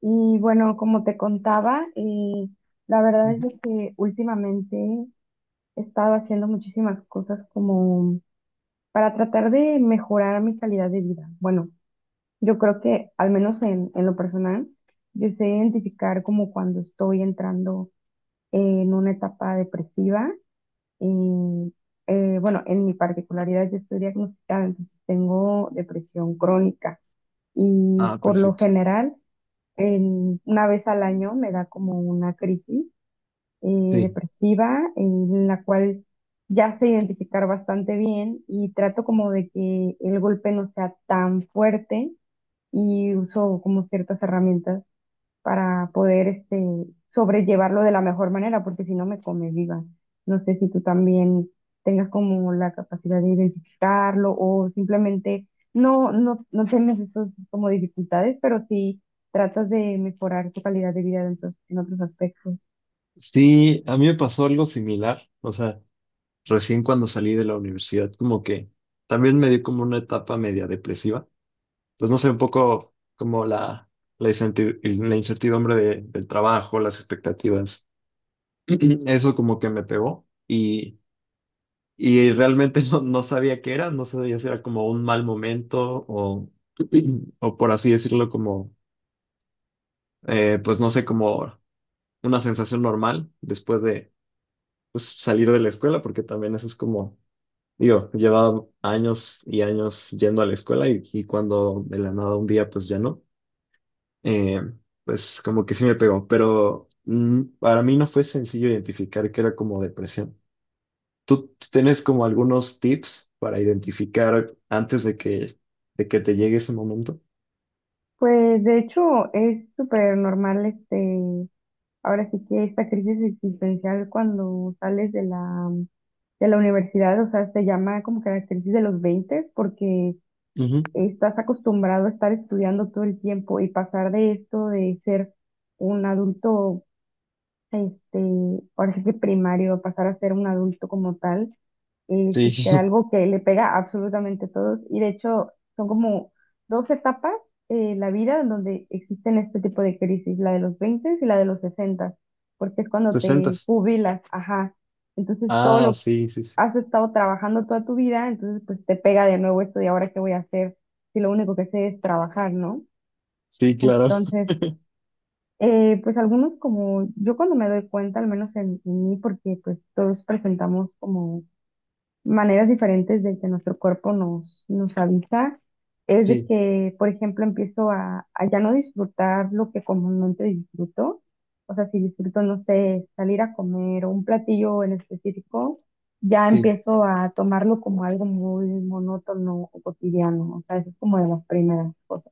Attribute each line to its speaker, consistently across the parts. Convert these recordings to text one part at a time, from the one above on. Speaker 1: Y bueno, como te contaba, la verdad es
Speaker 2: Ujú.
Speaker 1: de que últimamente he estado haciendo muchísimas cosas como para tratar de mejorar mi calidad de vida. Bueno, yo creo que al menos en lo personal, yo sé identificar como cuando estoy entrando en una etapa depresiva. Y, bueno, en mi particularidad yo estoy diagnosticada, entonces tengo depresión crónica y
Speaker 2: Ah,
Speaker 1: por lo
Speaker 2: perfecto.
Speaker 1: general una vez al año me da como una crisis
Speaker 2: Sí.
Speaker 1: depresiva en la cual ya sé identificar bastante bien y trato como de que el golpe no sea tan fuerte y uso como ciertas herramientas para poder sobrellevarlo de la mejor manera, porque si no me come viva. No sé si tú también tengas como la capacidad de identificarlo o simplemente no tienes esas como dificultades, pero sí tratas de mejorar tu calidad de vida en en otros aspectos.
Speaker 2: Sí, a mí me pasó algo similar. O sea, recién cuando salí de la universidad, como que también me dio como una etapa media depresiva. Pues no sé, un poco como la incertidumbre del trabajo, las expectativas. Eso como que me pegó y realmente no sabía qué era, no sabía si era como un mal momento o por así decirlo, como, pues no sé, como una sensación normal después pues, salir de la escuela, porque también eso es como, digo, llevaba años y años yendo a la escuela y cuando de la nada un día pues ya no, eh, pues como que sí me pegó, pero para mí no fue sencillo identificar que era como depresión. ¿Tú tienes como algunos tips para identificar antes de que te llegue ese momento?
Speaker 1: Pues de hecho es súper normal ahora sí que esta crisis existencial cuando sales de de la universidad, o sea, se llama como que la crisis de los 20 porque
Speaker 2: Ujú.
Speaker 1: estás acostumbrado a estar estudiando todo el tiempo y pasar de esto de ser un adulto, este, ahora sí que primario, a pasar a ser un adulto como tal, es
Speaker 2: Sí.
Speaker 1: algo que le pega a absolutamente a todos. Y de hecho, son como dos etapas en la vida en donde existen este tipo de crisis, la de los 20 y la de los 60 porque es cuando
Speaker 2: 60.
Speaker 1: te jubilas, ajá. Entonces, todo
Speaker 2: Ah,
Speaker 1: lo
Speaker 2: sí, sí, sí.
Speaker 1: has estado trabajando toda tu vida, entonces pues te pega de nuevo esto de ahora qué voy a hacer si lo único que sé es trabajar, ¿no?
Speaker 2: Sí, claro.
Speaker 1: Entonces, pues algunos como yo cuando me doy cuenta, al menos en mí, porque pues todos presentamos como maneras diferentes de que nuestro cuerpo nos avisa es de
Speaker 2: Sí,
Speaker 1: que, por ejemplo, empiezo a ya no disfrutar lo que comúnmente disfruto. O sea, si disfruto, no sé, salir a comer o un platillo en específico, ya
Speaker 2: sí.
Speaker 1: empiezo a tomarlo como algo muy monótono o cotidiano. O sea, eso es como de las primeras cosas.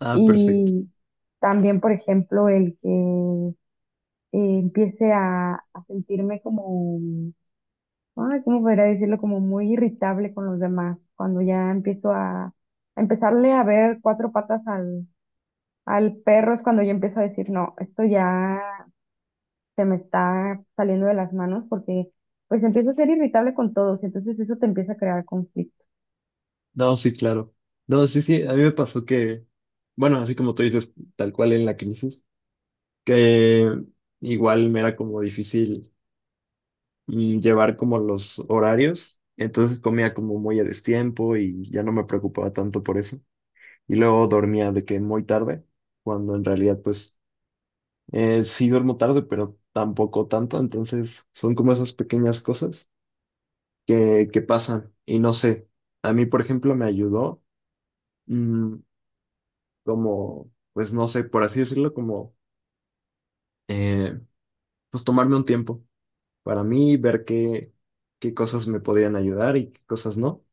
Speaker 2: Ah, perfecto.
Speaker 1: Y también, por ejemplo, el que empiece a sentirme como ay, ¿cómo podría decirlo? Como muy irritable con los demás, cuando ya empiezo a empezarle a ver cuatro patas al perro, es cuando yo empiezo a decir, no, esto ya se me está saliendo de las manos porque pues empiezo a ser irritable con todos, entonces eso te empieza a crear conflicto.
Speaker 2: No, sí, claro. No, sí, sí, a mí me pasó que, bueno, así como tú dices, tal cual en la crisis, que igual me era como difícil, llevar como los horarios, entonces comía como muy a destiempo y ya no me preocupaba tanto por eso. Y luego dormía de que muy tarde, cuando en realidad pues sí duermo tarde, pero tampoco tanto, entonces son como esas pequeñas cosas que pasan. Y no sé, a mí por ejemplo me ayudó. mm, Como, pues no sé, por así decirlo, como, eh, pues tomarme un tiempo para mí, ver qué cosas me podrían ayudar y qué cosas no.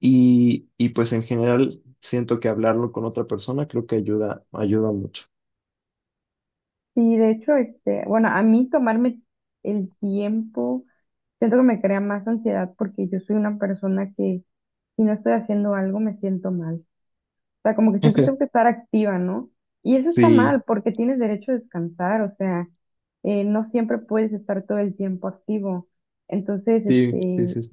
Speaker 2: Y pues en general siento que hablarlo con otra persona creo que ayuda, ayuda mucho.
Speaker 1: Y de hecho, bueno, a mí tomarme el tiempo, siento que me crea más ansiedad porque yo soy una persona que si no estoy haciendo algo me siento mal. O sea, como que siempre tengo que estar activa, ¿no? Y eso está
Speaker 2: Sí,
Speaker 1: mal porque tienes derecho a descansar, o sea, no siempre puedes estar todo el tiempo activo. Entonces,
Speaker 2: sí, sí, sí. Sí.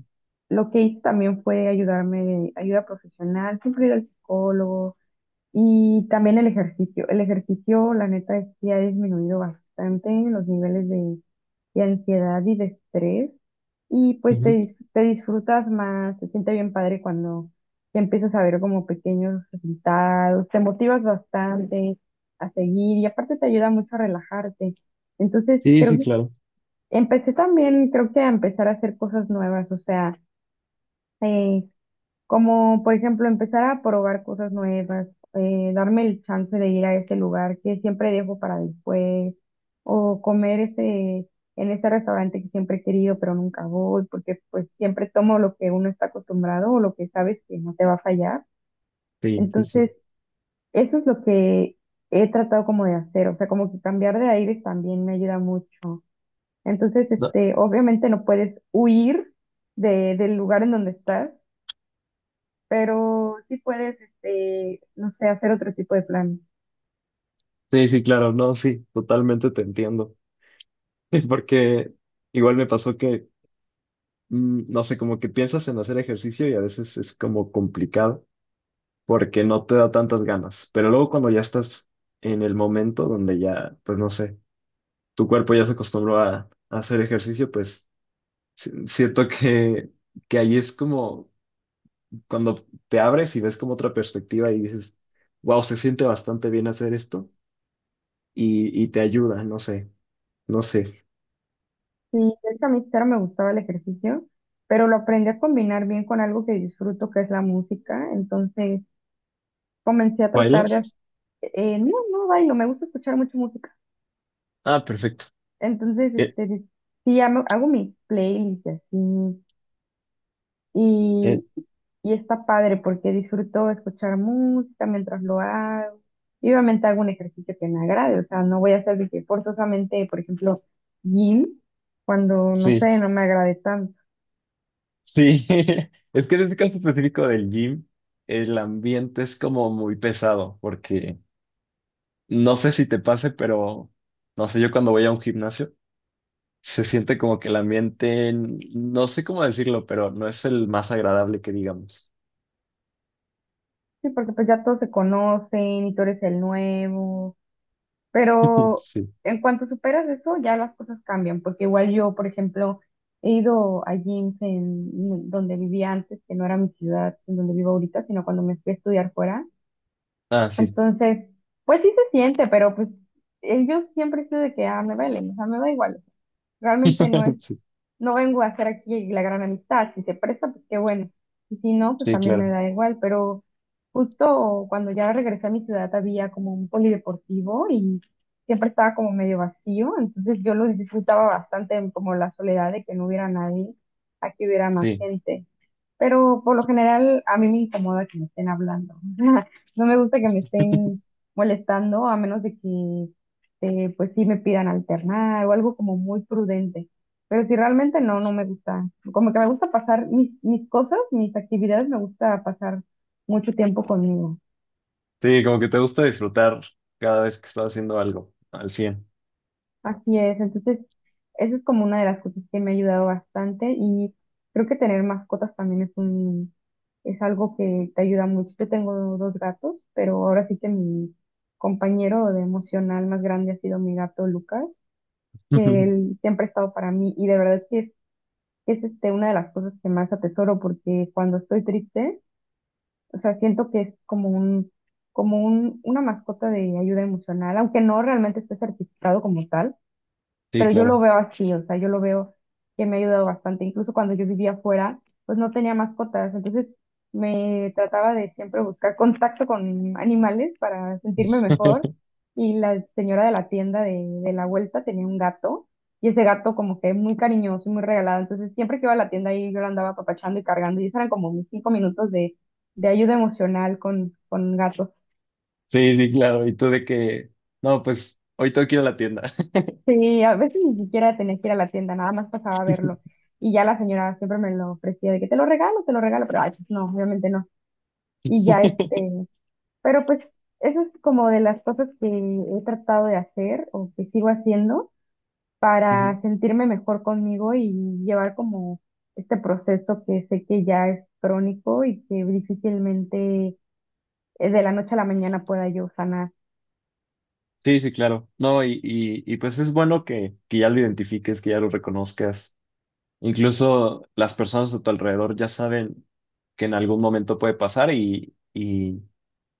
Speaker 1: lo que hice también fue ayudarme, de ayuda profesional, siempre ir al psicólogo y también el ejercicio. El ejercicio, la neta, es que ha disminuido bastante los niveles de ansiedad y de estrés. Y pues
Speaker 2: Ujú.
Speaker 1: te disfrutas más, te siente bien padre cuando ya empiezas a ver como pequeños resultados, te motivas bastante a seguir y aparte te ayuda mucho a relajarte. Entonces,
Speaker 2: Sí,
Speaker 1: creo
Speaker 2: sí,
Speaker 1: que
Speaker 2: claro.
Speaker 1: empecé también, creo que a empezar a hacer cosas nuevas, o sea, eh, como por ejemplo empezar a probar cosas nuevas, darme el chance de ir a este lugar que siempre dejo para después, o comer ese, en este restaurante que siempre he querido pero nunca voy, porque pues siempre tomo lo que uno está acostumbrado o lo que sabes que no te va a fallar.
Speaker 2: Sí, sí,
Speaker 1: Entonces,
Speaker 2: sí.
Speaker 1: eso es lo que he tratado como de hacer, o sea, como que cambiar de aires también me ayuda mucho. Entonces,
Speaker 2: No,
Speaker 1: obviamente no puedes huir del lugar en donde estás pero sí puedes, no sé, hacer otro tipo de planes.
Speaker 2: sí, sí, claro. No, sí, totalmente te entiendo. Porque igual me pasó que, no sé, como que piensas en hacer ejercicio y a veces es como complicado, porque no te da tantas ganas. Pero luego cuando ya estás en el momento donde ya, pues no sé, tu cuerpo ya se acostumbró a hacer ejercicio, pues siento que ahí es como cuando te abres y ves como otra perspectiva y dices, wow, se siente bastante bien hacer esto y te ayuda, no sé, no sé.
Speaker 1: Sí, es que a mí claro me gustaba el ejercicio, pero lo aprendí a combinar bien con algo que disfruto, que es la música. Entonces comencé a tratar
Speaker 2: ¿Bailas?
Speaker 1: no, no bailo, me gusta escuchar mucho música.
Speaker 2: Ah, perfecto.
Speaker 1: Entonces,
Speaker 2: Eh,
Speaker 1: sí, hago, hago mis playlists y así,
Speaker 2: eh,
Speaker 1: Y, y está padre porque disfruto escuchar música mientras lo hago. Y obviamente hago un ejercicio que me agrade, o sea, no voy a hacer de que forzosamente, por ejemplo, gym, cuando no
Speaker 2: sí,
Speaker 1: sé, no me agrade tanto.
Speaker 2: sí. Es que en este caso específico del gym, el ambiente es como muy pesado porque. No sé si te pase, pero no sé, yo cuando voy a un gimnasio se siente como que el ambiente, no sé cómo decirlo, pero no es el más agradable que digamos.
Speaker 1: Sí, porque pues ya todos se conocen y tú eres el nuevo. Pero
Speaker 2: Sí.
Speaker 1: en cuanto superas eso, ya las cosas cambian, porque igual yo, por ejemplo, he ido a gyms en donde vivía antes, que no era mi ciudad, en donde vivo ahorita, sino cuando me fui a estudiar fuera.
Speaker 2: Ah, sí.
Speaker 1: Entonces, pues sí se siente, pero pues yo siempre he sido de que, ah, me vale, o sea, me da igual. Realmente no es,
Speaker 2: Sí,
Speaker 1: no vengo a hacer aquí la gran amistad. Si se presta, pues qué bueno. Y si no, pues
Speaker 2: sí,
Speaker 1: también me
Speaker 2: claro.
Speaker 1: da igual. Pero justo cuando ya regresé a mi ciudad había como un polideportivo y siempre estaba como medio vacío. Entonces yo lo disfrutaba bastante en como la soledad de que no hubiera nadie, aquí hubiera más
Speaker 2: Sí.
Speaker 1: gente. Pero por lo general a mí me incomoda que me estén hablando. O sea, no me gusta que me estén molestando a menos de que pues sí me pidan alternar o algo como muy prudente. Pero si realmente no, no me gusta. Como que me gusta pasar mis cosas, mis actividades, me gusta pasar mucho tiempo conmigo.
Speaker 2: Sí, como que te gusta disfrutar cada vez que estás haciendo algo al cien.
Speaker 1: Así es, entonces eso es como una de las cosas que me ha ayudado bastante y creo que tener mascotas también es un, es algo que te ayuda mucho. Yo tengo dos gatos, pero ahora sí que mi compañero de emocional más grande ha sido mi gato Lucas, que él siempre ha estado para mí y de verdad que es una de las cosas que más atesoro porque cuando estoy triste, o sea, siento que es como una mascota de ayuda emocional, aunque no realmente esté certificado como tal
Speaker 2: Sí,
Speaker 1: pero yo lo
Speaker 2: claro.
Speaker 1: veo así, o sea, yo lo veo que me ha ayudado bastante. Incluso cuando yo vivía afuera, pues no tenía mascotas, entonces me trataba de siempre buscar contacto con animales para sentirme mejor. Y la señora de la tienda de la vuelta tenía un gato, y ese gato como que muy cariñoso y muy regalado, entonces siempre que iba a la tienda ahí yo lo andaba apapachando y cargando, y esos eran como mis 5 minutos de ayuda emocional con gatos.
Speaker 2: Sí, sí, claro. Y tú de que, no, pues hoy tengo que ir a la tienda.
Speaker 1: Sí, a veces ni siquiera tenía que ir a la tienda, nada más pasaba a verlo. Y ya la señora siempre me lo ofrecía de que te lo regalo, pero ay, pues no, obviamente no. Y ya pero pues eso es como de las cosas que he tratado de hacer o que sigo haciendo
Speaker 2: Ujú.
Speaker 1: para sentirme mejor conmigo y llevar como este proceso que sé que ya es crónico y que difícilmente de la noche a la mañana pueda yo sanar.
Speaker 2: Sí, sí, claro. No, y pues es bueno que ya lo identifiques, que ya lo reconozcas. Incluso las personas a tu alrededor ya saben que en algún momento puede pasar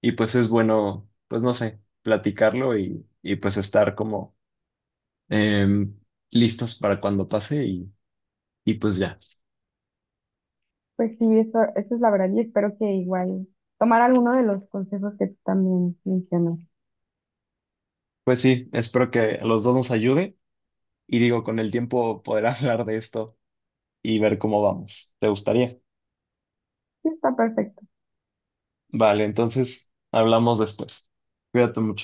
Speaker 2: y pues es bueno, pues no sé, platicarlo y pues estar como em, listos para cuando pase y pues ya.
Speaker 1: Pues sí, eso es la verdad y espero que igual tomar alguno de los consejos que tú también mencionas.
Speaker 2: Pues sí, espero que a los dos nos ayude y digo, con el tiempo poder hablar de esto y ver cómo vamos. ¿Te gustaría?
Speaker 1: Sí, está perfecto.
Speaker 2: Vale, entonces hablamos después. Cuídate.